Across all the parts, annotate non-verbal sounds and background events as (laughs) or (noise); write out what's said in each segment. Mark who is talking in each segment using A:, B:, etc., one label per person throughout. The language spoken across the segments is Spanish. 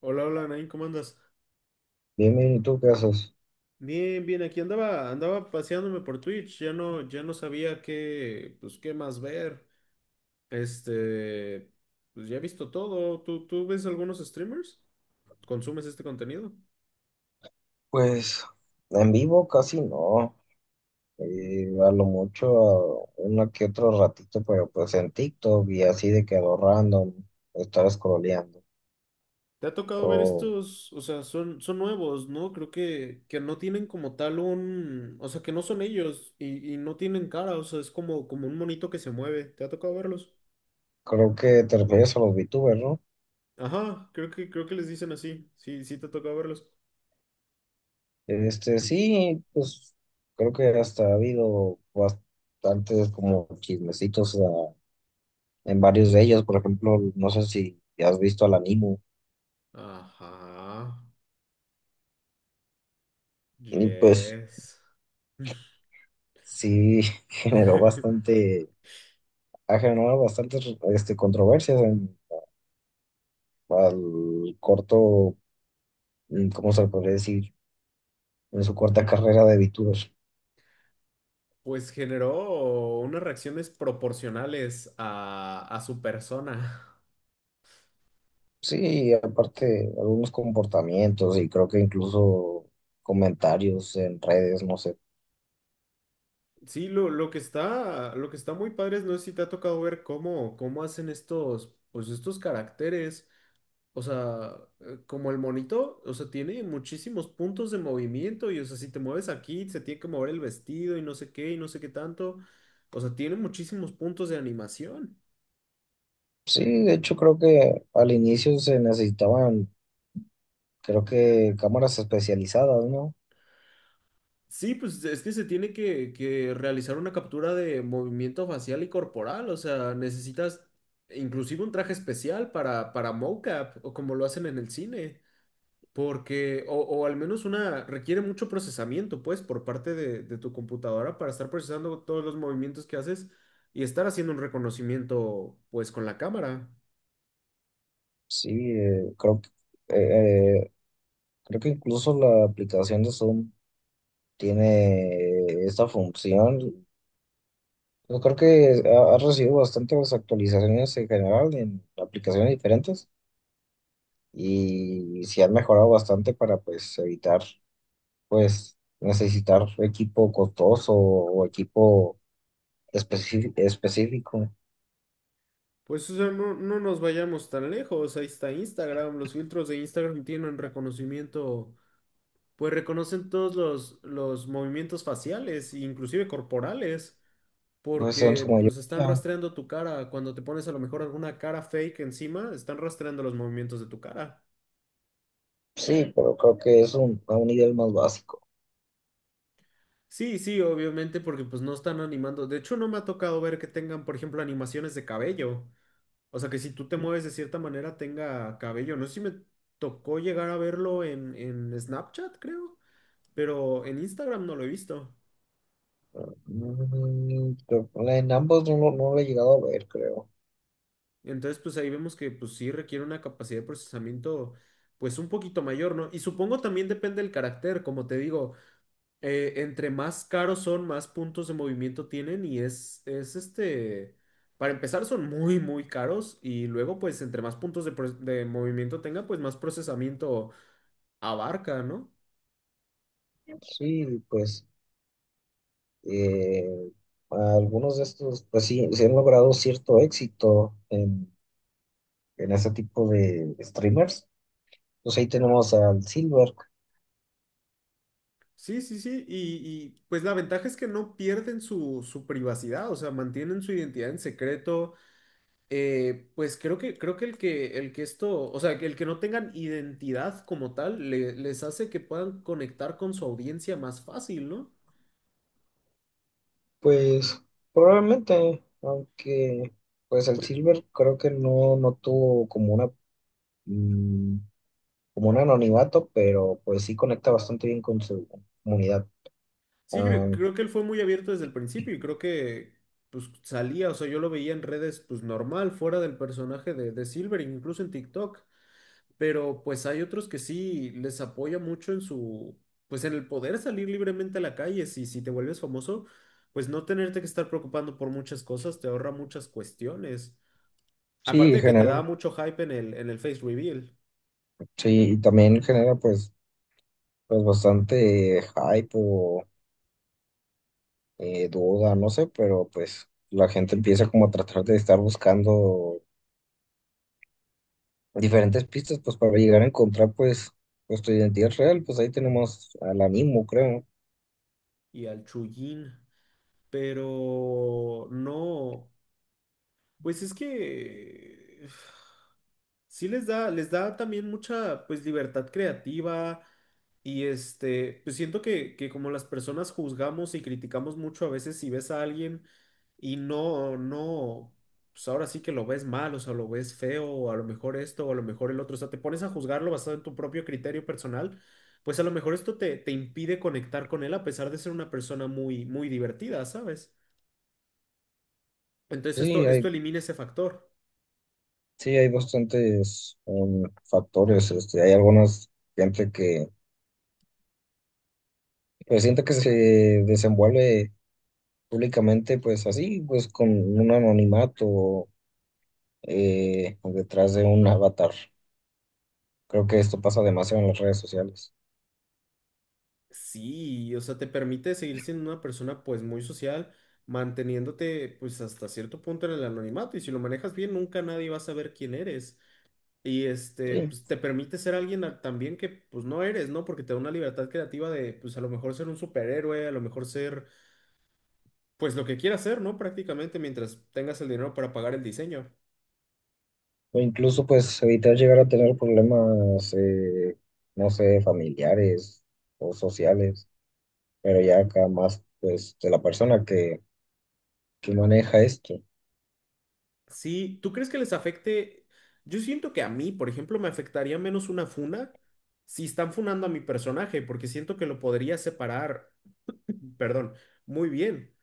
A: Hola, hola, Nain, ¿cómo andas?
B: Bien, ¿y tú qué haces?
A: Bien, aquí andaba paseándome por Twitch, ya no sabía qué, pues, qué más ver. Este, pues ya he visto todo. ¿Tú ves algunos streamers? ¿Consumes este contenido?
B: Pues en vivo casi no, a lo mucho a una que otro ratito, pero pues en TikTok y así de que a lo random, estar scrolleando.
A: ¿Te ha tocado ver
B: O
A: estos? O sea, son nuevos, ¿no? Creo que no tienen como tal un, o sea, que no son ellos y no tienen cara, o sea, es como, como un monito que se mueve. ¿Te ha tocado verlos?
B: creo que te refieres a los VTubers, ¿no?
A: Ajá, creo que les dicen así. Sí, sí te ha tocado verlos.
B: Sí, pues creo que hasta ha habido bastantes como chismecitos en varios de ellos, por ejemplo, no sé si has visto al Animo,
A: Ajá.
B: y pues
A: Yes.
B: sí (laughs) generó
A: (laughs)
B: bastante. Ha generado bastantes controversias en, al corto, ¿cómo se le podría decir? En su corta carrera de VTuber.
A: Pues generó unas reacciones proporcionales a su persona.
B: Sí, y aparte algunos comportamientos y creo que incluso comentarios en redes, no sé.
A: Sí, lo que está, lo que está muy padre es, no sé si te ha tocado ver cómo, cómo hacen estos, pues estos caracteres. O sea, como el monito, o sea, tiene muchísimos puntos de movimiento y, o sea, si te mueves aquí, se tiene que mover el vestido y no sé qué y no sé qué tanto. O sea, tiene muchísimos puntos de animación.
B: Sí, de hecho creo que al inicio se necesitaban, creo que cámaras especializadas, ¿no?
A: Sí, pues es que se tiene que realizar una captura de movimiento facial y corporal, o sea, necesitas inclusive un traje especial para mocap, o como lo hacen en el cine, porque, o al menos una, requiere mucho procesamiento, pues, por parte de tu computadora para estar procesando todos los movimientos que haces y estar haciendo un reconocimiento, pues, con la cámara.
B: Sí, eh, creo que, eh, eh, creo que incluso la aplicación de Zoom tiene esta función. Yo creo que ha recibido bastantes actualizaciones en general en aplicaciones diferentes y se han mejorado bastante para pues evitar pues necesitar equipo costoso o equipo específico,
A: Pues, o sea, no, no nos vayamos tan lejos, ahí está Instagram, los filtros de Instagram tienen reconocimiento pues reconocen todos los movimientos faciales, inclusive corporales,
B: pues en su
A: porque pues están
B: mayoría.
A: rastreando tu cara. Cuando te pones a lo mejor alguna cara fake encima, están rastreando los movimientos de tu cara.
B: Sí, pero creo que es un, a un nivel más básico.
A: Sí, sí, obviamente, porque pues no están animando. De hecho, no me ha tocado ver que tengan, por ejemplo, animaciones de cabello. O sea, que si tú te mueves de cierta manera tenga cabello. No sé si me tocó llegar a verlo en Snapchat, creo, pero en Instagram no lo he visto.
B: Mm, pero pues, en ambos no, no lo he llegado a ver, creo.
A: Entonces, pues ahí vemos que pues sí requiere una capacidad de procesamiento pues un poquito mayor, ¿no? Y supongo también depende del carácter, como te digo, entre más caros son, más puntos de movimiento tienen y es este, para empezar son muy, muy caros y luego pues entre más puntos de, pro- de movimiento tenga, pues más procesamiento abarca, ¿no?
B: Sí, pues eh, algunos de estos, pues sí, se han logrado cierto éxito en ese tipo de streamers. Pues ahí tenemos al Silver.
A: Sí, y pues la ventaja es que no pierden su, su privacidad, o sea, mantienen su identidad en secreto. Pues creo que el que esto, o sea, que el que no tengan identidad como tal, le- les hace que puedan conectar con su audiencia más fácil, ¿no?
B: Pues probablemente, aunque pues el
A: Pues,
B: Silver creo que no, no tuvo como una mm, como un anonimato, pero pues sí conecta bastante bien con su comunidad.
A: sí,
B: Ah,
A: cre- creo, que él fue muy abierto desde el principio y creo que pues salía, o sea, yo lo veía en redes pues normal, fuera del personaje de Silver, incluso en TikTok, pero pues hay otros que sí les apoya mucho en su, pues en el poder salir libremente a la calle, si, si te vuelves famoso, pues no tenerte que estar preocupando por muchas cosas, te ahorra muchas cuestiones. Aparte
B: sí,
A: de que te
B: genera,
A: da mucho hype en el face reveal
B: sí, y también genera pues, pues bastante hype o duda, no sé, pero pues la gente empieza como a tratar de estar buscando diferentes pistas, pues para llegar a encontrar, pues, pues tu identidad real, pues ahí tenemos al ánimo, creo.
A: y al Chuyin, pero no, pues es que (sighs) sí les da también mucha, pues, libertad creativa y este, pues siento que como las personas juzgamos y criticamos mucho a veces si ves a alguien y no, no, pues ahora sí que lo ves mal, o sea, lo ves feo, o a lo mejor esto, o a lo mejor el otro, o sea, te pones a juzgarlo basado en tu propio criterio personal, pues a lo mejor esto te, te impide conectar con él a pesar de ser una persona muy, muy divertida, ¿sabes? Entonces
B: Sí,
A: esto
B: hay,
A: elimina ese factor.
B: sí, hay bastantes factores, este, hay algunas gente que, pues siento que se desenvuelve públicamente, pues así, pues con un anonimato detrás de un avatar. Creo que esto pasa demasiado en las redes sociales.
A: Sí, o sea, te permite seguir siendo una persona pues muy social, manteniéndote pues hasta cierto punto en el anonimato y si lo manejas bien nunca nadie va a saber quién eres. Y este,
B: Sí.
A: pues te permite ser alguien a- también que pues no eres, ¿no? Porque te da una libertad creativa de pues a lo mejor ser un superhéroe, a lo mejor ser pues lo que quieras ser, ¿no? Prácticamente mientras tengas el dinero para pagar el diseño.
B: O incluso, pues, evitar llegar a tener problemas, no sé, familiares o sociales. Pero ya acá más pues de la persona que maneja esto.
A: Sí, ¿tú crees que les afecte? Yo siento que a mí, por ejemplo, me afectaría menos una funa si están funando a mi personaje, porque siento que lo podría separar, (laughs) perdón, muy bien.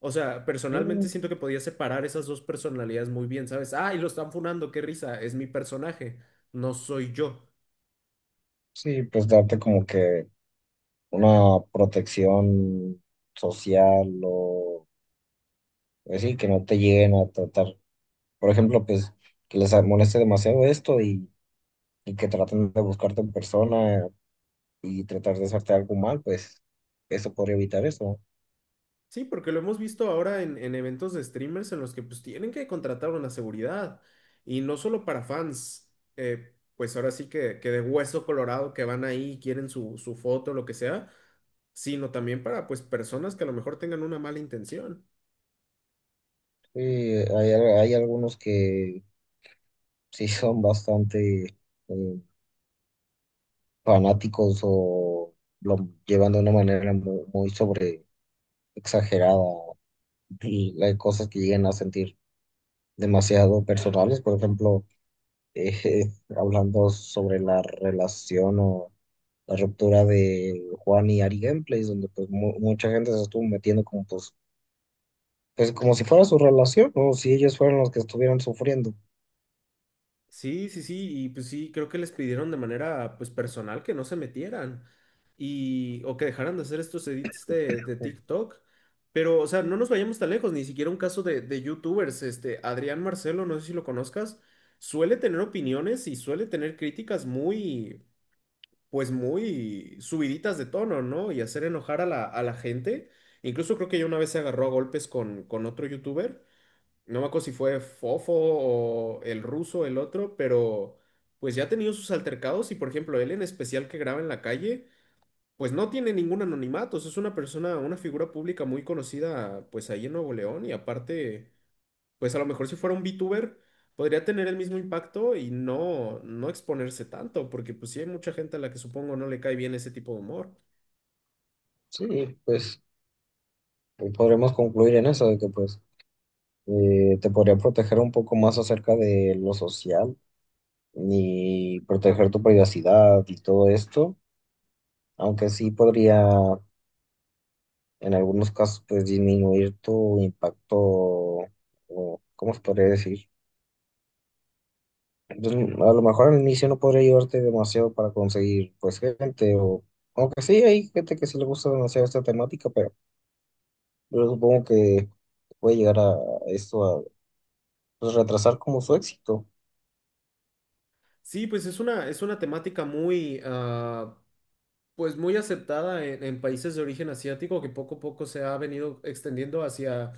A: O sea, personalmente
B: Mm.
A: siento que podría separar esas dos personalidades muy bien, ¿sabes? Ah, y lo están funando, qué risa, es mi personaje, no soy yo.
B: Sí, pues darte como que una protección social o pues sí, que no te lleguen a tratar. Por ejemplo, pues que les moleste demasiado esto y que traten de buscarte en persona y tratar de hacerte algo mal, pues eso podría evitar eso.
A: Sí, porque lo hemos visto ahora en eventos de streamers en los que pues tienen que contratar una seguridad y no solo para fans, pues ahora sí que de hueso colorado que van ahí y quieren su, su foto, lo que sea, sino también para pues personas que a lo mejor tengan una mala intención.
B: Sí, hay algunos que sí son bastante... eh, fanáticos o lo llevan de una manera muy, sobre exagerada y hay cosas que llegan a sentir demasiado personales, por ejemplo, eh, (laughs) hablando sobre la relación o la ruptura de Juan y Ari Gameplays, donde pues mucha gente se estuvo metiendo como pues, pues como si fuera su relación, o si ellos fueran los que estuvieran sufriendo.
A: Sí, y pues sí, creo que les pidieron de manera pues personal que no se metieran y o que dejaran de hacer estos edits de TikTok. Pero, o sea, no nos vayamos tan lejos, ni siquiera un caso de YouTubers, este, Adrián Marcelo, no sé si lo conozcas, suele tener opiniones y suele tener críticas muy, pues muy subiditas de tono, ¿no? Y hacer enojar a la gente. Incluso creo que ya una vez se agarró a golpes con otro YouTuber. No me acuerdo si fue Fofo o el ruso, el otro, pero pues ya ha tenido sus altercados y por ejemplo él en especial que graba en la calle, pues no tiene ningún anonimato, o sea, es una persona, una figura pública muy conocida pues ahí en Nuevo León y aparte, pues a lo mejor si fuera un VTuber podría tener el mismo impacto y no, no exponerse tanto, porque pues sí hay mucha gente a la que supongo no le cae bien ese tipo de humor.
B: Sí, pues podremos concluir en eso, de que pues te podría proteger un poco más acerca de lo social ni proteger tu privacidad y todo esto, aunque sí podría en algunos casos pues disminuir tu impacto, o, ¿cómo se podría decir? Pues, a lo mejor al inicio no podría ayudarte demasiado para conseguir pues gente o aunque sí hay gente que sí le gusta demasiado esta temática, pero yo supongo que puede llegar a esto a pues, retrasar como su éxito.
A: Sí, pues es una temática muy, ah, pues muy aceptada en países de origen asiático que poco a poco se ha venido extendiendo hacia,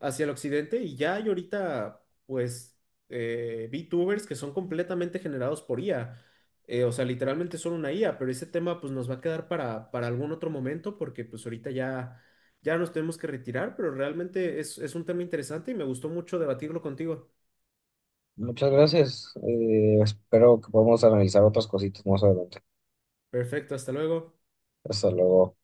A: hacia el occidente y ya hay ahorita pues VTubers que son completamente generados por IA. O sea, literalmente son una IA, pero ese tema pues nos va a quedar para algún otro momento porque pues ahorita ya, ya nos tenemos que retirar, pero realmente es un tema interesante y me gustó mucho debatirlo contigo.
B: Muchas gracias. Espero que podamos analizar otras cositas más adelante.
A: Perfecto, hasta luego.
B: Hasta luego.